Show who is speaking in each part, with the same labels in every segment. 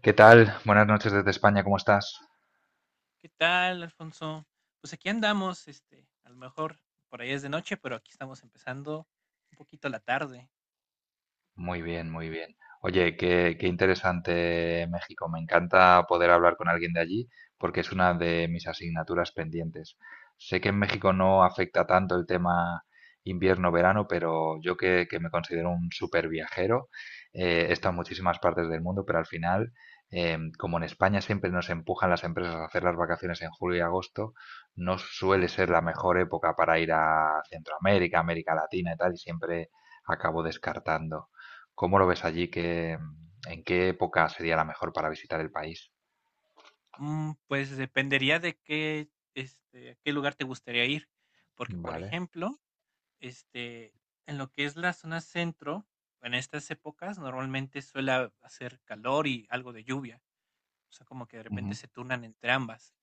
Speaker 1: ¿Qué tal? Buenas noches desde España, ¿cómo estás?
Speaker 2: ¿Qué tal, Alfonso? Pues aquí andamos, este, a lo mejor por ahí es de noche, pero aquí estamos empezando un poquito la tarde.
Speaker 1: Muy bien, muy bien. Oye, qué interesante México. Me encanta poder hablar con alguien de allí porque es una de mis asignaturas pendientes. Sé que en México no afecta tanto el tema invierno-verano, pero yo que me considero un súper viajero, he estado en muchísimas partes del mundo, pero al final, como en España siempre nos empujan las empresas a hacer las vacaciones en julio y agosto, no suele
Speaker 2: Ujú.
Speaker 1: ser la mejor época para ir a Centroamérica, América Latina y tal, y siempre acabo descartando. ¿Cómo lo ves allí? ¿Qué, en qué época sería la mejor para visitar el país?
Speaker 2: Pues dependería de qué, este, a qué lugar te gustaría ir, porque por
Speaker 1: Vale.
Speaker 2: ejemplo, este, en lo que es la zona centro, en estas épocas normalmente suele hacer calor y algo de lluvia, o sea, como que de repente
Speaker 1: Ujú.
Speaker 2: se turnan entre ambas.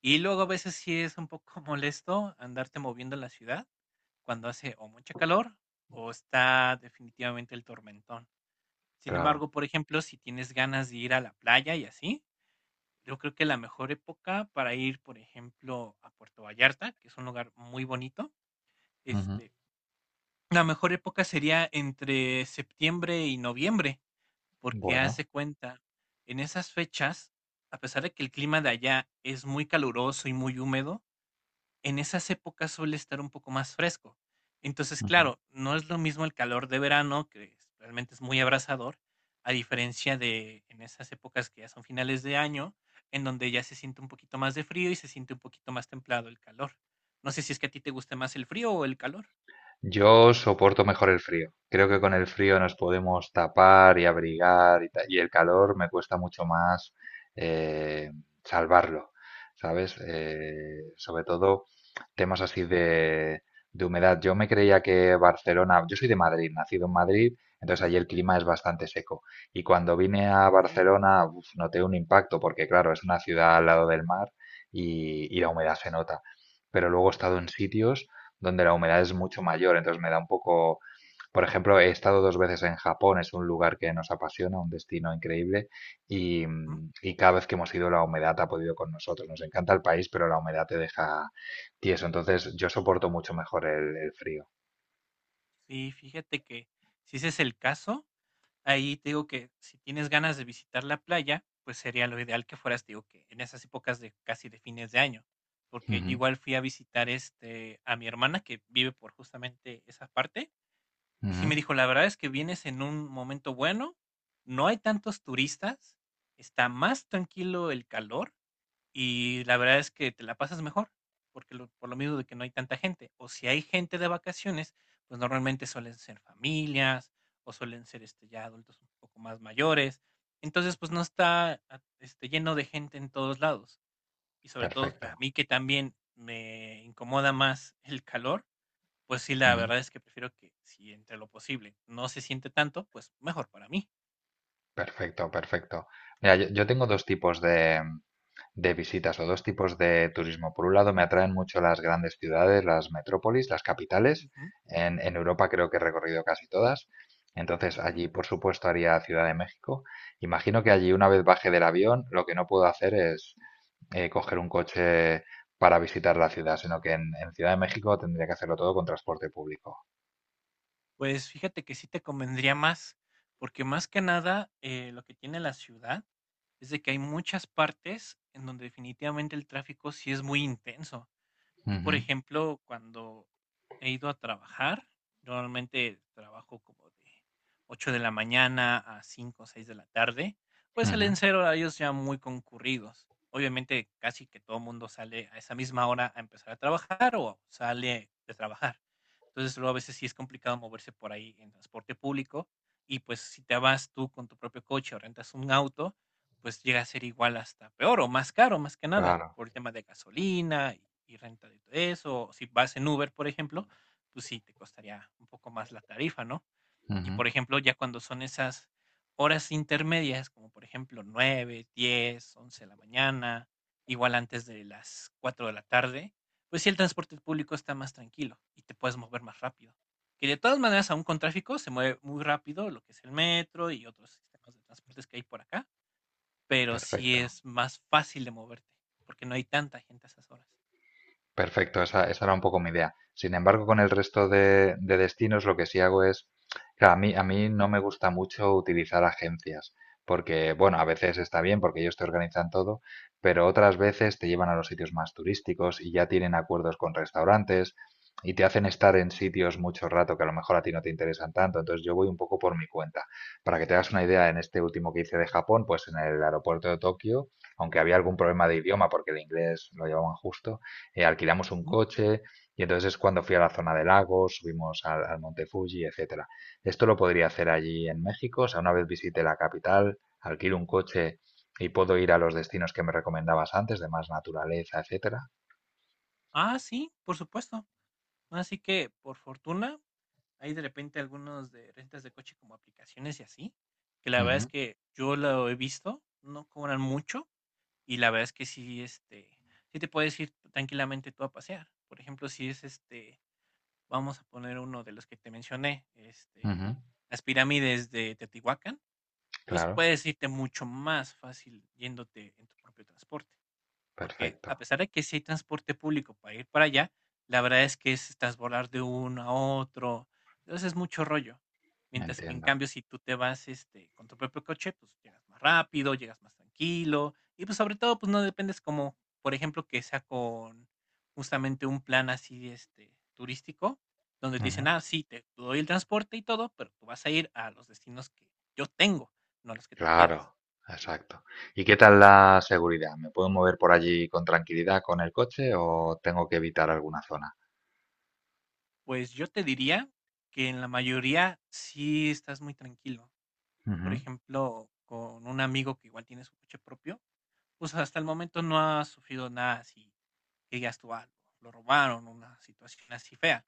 Speaker 2: Y luego a veces sí es un poco molesto andarte moviendo en la ciudad cuando hace o mucha calor o está definitivamente el tormentón. Sin
Speaker 1: Claro.
Speaker 2: embargo, por ejemplo, si tienes ganas de ir a la playa y así, yo creo que la mejor época para ir, por ejemplo, a Puerto Vallarta, que es un lugar muy bonito,
Speaker 1: Ujú.
Speaker 2: este, la mejor época sería entre septiembre y noviembre, porque haz
Speaker 1: Bueno.
Speaker 2: de cuenta, en esas fechas, a pesar de que el clima de allá es muy caluroso y muy húmedo, en esas épocas suele estar un poco más fresco. Entonces,
Speaker 1: Ujú.
Speaker 2: claro, no es lo mismo el calor de verano, realmente es muy abrasador, a diferencia de en esas épocas que ya son finales de año, en donde ya se siente un poquito más de frío y se siente un poquito más templado el calor. No sé si es que a ti te gusta más el frío o el calor.
Speaker 1: Yo soporto mejor el frío. Creo que con el frío nos podemos tapar y abrigar y el calor me cuesta mucho más eh, salvarlo, ¿sabes? Sobre todo temas así de humedad. Yo me creía que Barcelona, yo soy de Madrid, nacido en Madrid, entonces
Speaker 2: Ujú,
Speaker 1: allí el clima es bastante seco. Y cuando vine a
Speaker 2: okey,
Speaker 1: Barcelona, uf, noté un impacto porque claro, es una ciudad al lado del mar y la humedad se nota. Pero luego he estado en sitios donde la humedad es mucho mayor, entonces me da un poco. Por ejemplo, he estado dos veces en Japón, es un lugar que nos apasiona, un destino increíble,
Speaker 2: ujú.
Speaker 1: y cada vez que hemos ido la humedad ha podido con nosotros. Nos encanta el país, pero la humedad te deja tieso, entonces yo soporto mucho mejor el frío.
Speaker 2: Sí, fíjate que si ese es el caso, ahí te digo que si tienes ganas de visitar la playa, pues sería lo ideal que fueras, te digo que en esas épocas de casi de fines de año, porque yo
Speaker 1: Ujú,
Speaker 2: igual fui a visitar este a mi hermana que vive por justamente esa parte y sí me
Speaker 1: ujú,
Speaker 2: dijo, la verdad es que vienes en un momento bueno, no hay tantos turistas, está más tranquilo el calor y la verdad es que te la pasas mejor, porque lo por lo mismo de que no hay tanta gente. O si hay gente de vacaciones, pues normalmente suelen ser familias o suelen ser, este, ya adultos un poco más mayores. Entonces, pues no está, ah, este, lleno de gente en todos lados. Y sobre todo a
Speaker 1: perfecto,
Speaker 2: mí que también me incomoda más el calor, pues sí, la
Speaker 1: ujú.
Speaker 2: verdad es que prefiero que si entre lo posible no se siente tanto, pues mejor para mí.
Speaker 1: Perfecto, perfecto. Mira, yo tengo dos tipos de visitas o dos tipos de turismo. Por un lado, me atraen mucho las grandes ciudades, las metrópolis, las capitales.
Speaker 2: Ujú,
Speaker 1: En Europa creo que he recorrido casi todas. Entonces,
Speaker 2: ajá.
Speaker 1: allí, por supuesto, haría Ciudad de México. Imagino que allí, una vez baje del avión, lo que no puedo hacer es coger un coche para visitar la ciudad, sino que en Ciudad de México tendría que hacerlo todo con transporte público.
Speaker 2: Pues fíjate que sí te convendría más, porque más que nada lo que tiene la ciudad es de que hay muchas partes en donde definitivamente el tráfico sí es muy intenso. Yo, por
Speaker 1: Ujú,
Speaker 2: ejemplo, cuando he ido a trabajar, normalmente trabajo como de 8 de la mañana a 5 o 6 de la tarde, pues
Speaker 1: ujú,
Speaker 2: salen ser horarios ya muy concurridos. Obviamente, casi que todo el mundo sale a esa misma hora a empezar a trabajar o sale de trabajar. Entonces, luego a veces sí es complicado moverse por ahí en transporte público y pues si te vas tú con tu propio coche o rentas un auto, pues llega a ser igual hasta peor o más caro, más que nada,
Speaker 1: claro,
Speaker 2: por el tema de gasolina y renta de todo eso. O si vas en Uber, por ejemplo, pues sí te costaría un poco más la tarifa, ¿no? Y
Speaker 1: ujú,
Speaker 2: por ejemplo, ya cuando son esas horas intermedias, como por ejemplo 9, 10, 11 de la mañana, igual antes de las 4 de la tarde, pues sí el transporte público está más tranquilo y te puedes mover más rápido. Que de todas maneras, aún con tráfico, se mueve muy rápido lo que es el metro y otros sistemas de transportes que hay por acá, pero sí
Speaker 1: perfecto.
Speaker 2: es más fácil de moverte, porque no hay tanta gente a esas horas.
Speaker 1: Perfecto, esa era un poco mi idea. Sin embargo, con el resto de destinos, lo que sí hago es, claro, a mí no me gusta mucho utilizar agencias, porque, bueno, a veces está bien porque ellos te organizan todo, pero otras veces te llevan a los sitios más turísticos y ya tienen acuerdos con restaurantes y te hacen estar en sitios mucho rato que a lo mejor a ti no te interesan tanto. Entonces yo voy un poco por mi cuenta. Para que te hagas una idea, en este último que hice de
Speaker 2: Ujú,
Speaker 1: Japón, pues en el aeropuerto de Tokio, aunque había algún problema de idioma porque el inglés lo llevaban justo, alquilamos un
Speaker 2: ujú.
Speaker 1: coche y entonces es cuando fui a la zona de lagos, subimos al Monte Fuji, etcétera. Esto lo podría hacer allí en México, o sea, una vez visite la capital, alquilo un coche y puedo ir a los destinos que me recomendabas antes, de más naturaleza, etcétera.
Speaker 2: Ah, sí, por supuesto. Así que, por fortuna, hay de repente algunos de rentas de coche como aplicaciones y así, que la verdad es
Speaker 1: Ujú,
Speaker 2: que yo lo he visto, no cobran mucho y la verdad es que sí, este, sí te puedes ir tranquilamente tú a pasear. Por ejemplo, si es este, vamos a poner uno de los que te mencioné, este,
Speaker 1: ujú,
Speaker 2: las pirámides de Teotihuacán. Pues
Speaker 1: claro,
Speaker 2: puedes irte mucho más fácil yéndote en tu propio transporte. Porque a
Speaker 1: perfecto,
Speaker 2: pesar de que sí hay transporte público para ir para allá, la verdad es que es transbordar de uno a otro. Entonces es mucho rollo. Mientras que en
Speaker 1: entiendo.
Speaker 2: cambio, si tú te vas este, con tu propio coche, pues llegas más rápido, llegas más tranquilo. Y pues sobre todo, pues no dependes como, por ejemplo, que sea con justamente un plan así este, turístico, donde te dicen,
Speaker 1: Ujú,
Speaker 2: ah, sí, te doy el transporte y todo, pero tú vas a ir a los destinos que yo tengo, no a los que tú quieras.
Speaker 1: claro, exacto. ¿Y qué tal la seguridad? ¿Me puedo mover por allí con tranquilidad con el coche o tengo que evitar alguna zona?
Speaker 2: Pues yo te diría que en la mayoría sí estás muy tranquilo. Yo, por
Speaker 1: Ujú,
Speaker 2: ejemplo, con un amigo que igual tiene su coche propio, pues hasta el momento no ha sufrido nada así que digas tú, "Ah, lo robaron", una situación así fea.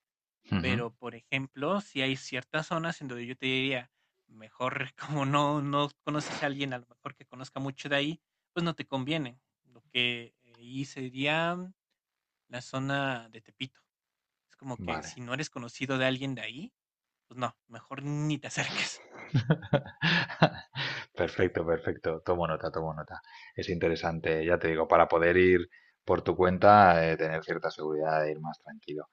Speaker 1: ujú,
Speaker 2: Pero, por ejemplo, si hay ciertas zonas en donde yo te diría, mejor como no, no conoces a alguien, a lo mejor que conozca mucho de ahí, pues no te conviene. Lo que ahí sería la zona de Tepito. Es como que si
Speaker 1: vale.
Speaker 2: no eres conocido de alguien de ahí, pues no, mejor ni te acerques. Sí.
Speaker 1: Perfecto, perfecto. Tomo nota, tomo nota. Es interesante, ya te digo, para poder ir por tu cuenta, tener cierta seguridad de ir más tranquilo.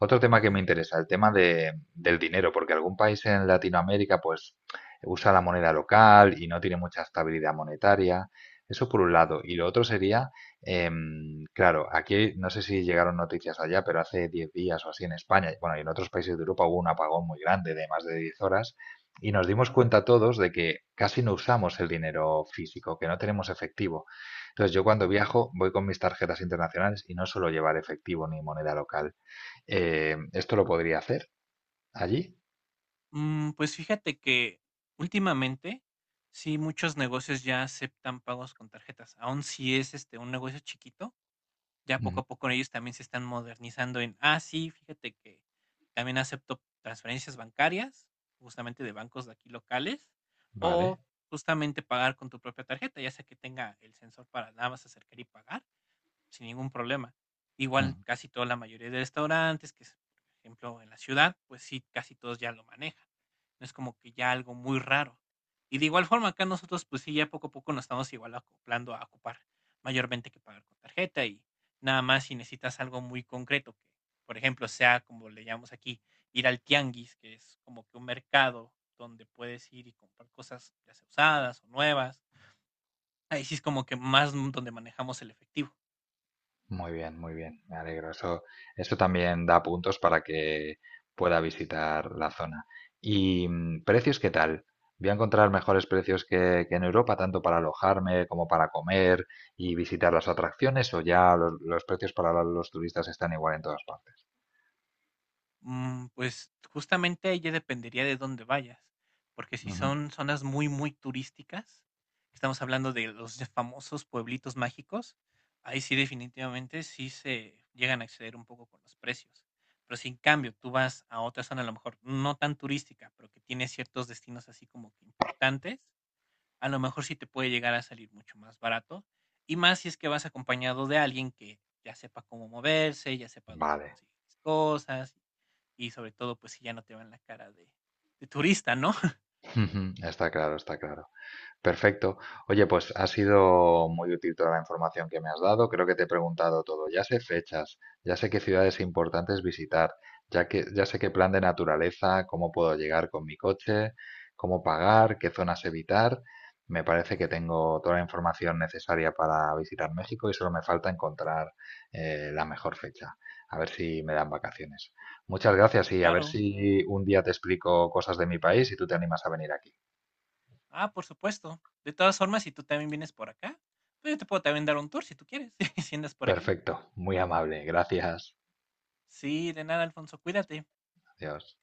Speaker 1: Otro tema que me
Speaker 2: Ujú,
Speaker 1: interesa, el tema del dinero, porque algún país en Latinoamérica pues usa la moneda local y no tiene mucha estabilidad monetaria. Eso por un
Speaker 2: ujú,
Speaker 1: lado. Y lo otro sería, claro, aquí no sé si llegaron noticias allá, pero hace 10 días o así en España, bueno, y en otros países de Europa hubo un apagón muy grande de más de 10 horas y nos dimos
Speaker 2: ajá,
Speaker 1: cuenta todos de que casi no usamos el dinero físico, que no tenemos efectivo. Entonces yo cuando
Speaker 2: ujú.
Speaker 1: viajo voy con mis tarjetas internacionales y no suelo llevar efectivo ni moneda local. ¿Esto lo podría hacer allí?
Speaker 2: Pues fíjate que últimamente sí muchos negocios ya aceptan pagos con tarjetas. Aun si es este un negocio chiquito, ya
Speaker 1: Ujú.
Speaker 2: poco a poco ellos también se están modernizando en, ah, sí, fíjate que también acepto transferencias bancarias, justamente de bancos de aquí locales, o
Speaker 1: Vale.
Speaker 2: justamente pagar con tu propia tarjeta, ya sea que tenga el sensor para nada más acercar y pagar sin ningún problema.
Speaker 1: Mm.
Speaker 2: Igual casi toda la mayoría de restaurantes, que es, por ejemplo en la ciudad, pues sí, casi todos ya lo manejan. No es como que ya algo muy raro. Y de igual forma acá nosotros pues sí, ya poco a poco nos estamos igual acoplando a ocupar mayormente que pagar con tarjeta y nada más si necesitas algo muy concreto, que por ejemplo sea como le llamamos aquí, ir al tianguis, que es como que un mercado donde puedes ir y comprar cosas ya sea usadas o nuevas. Ahí sí es como que más donde manejamos el efectivo.
Speaker 1: Muy bien, me alegro. Eso también da puntos para que pueda visitar la zona. ¿Y mm, precios qué tal? ¿Voy a encontrar mejores precios que en Europa, tanto para alojarme como para comer y visitar las atracciones? ¿O ya los precios para los turistas están igual en todas partes?
Speaker 2: Pues, justamente ahí ya dependería de dónde vayas, porque si
Speaker 1: Ujú.
Speaker 2: son zonas muy, muy turísticas, estamos hablando de los ya famosos pueblitos mágicos, ahí sí definitivamente sí se llegan a exceder un poco con los precios. Pero si en cambio tú vas a otra zona, a lo mejor no tan turística, pero que tiene ciertos destinos así como que importantes, a lo mejor sí te puede llegar a salir mucho más barato. Y más si es que vas acompañado de alguien que ya sepa cómo moverse, ya sepa dónde
Speaker 1: Vale,
Speaker 2: conseguir las cosas y sobre todo, pues si ya no te van la cara de turista, ¿no?
Speaker 1: está claro, está claro. Perfecto. Oye, pues ha sido muy útil toda la información que me has dado. Creo que te he preguntado todo. Ya sé fechas, ya sé qué ciudades importantes visitar, ya que ya sé qué plan de naturaleza, cómo puedo llegar con mi coche, cómo pagar, qué zonas evitar. Me parece que tengo toda la información necesaria para visitar México y solo me falta encontrar, la mejor fecha. A ver si me dan vacaciones. Muchas gracias y a ver
Speaker 2: Claro.
Speaker 1: si un día te explico cosas de mi país y tú te animas a venir aquí.
Speaker 2: Ah, por supuesto. De todas formas, si tú también vienes por acá, pues yo te puedo también dar un tour si tú quieres, si andas por aquí.
Speaker 1: Perfecto, muy amable, gracias.
Speaker 2: Sí, de nada, Alfonso, cuídate.
Speaker 1: Adiós.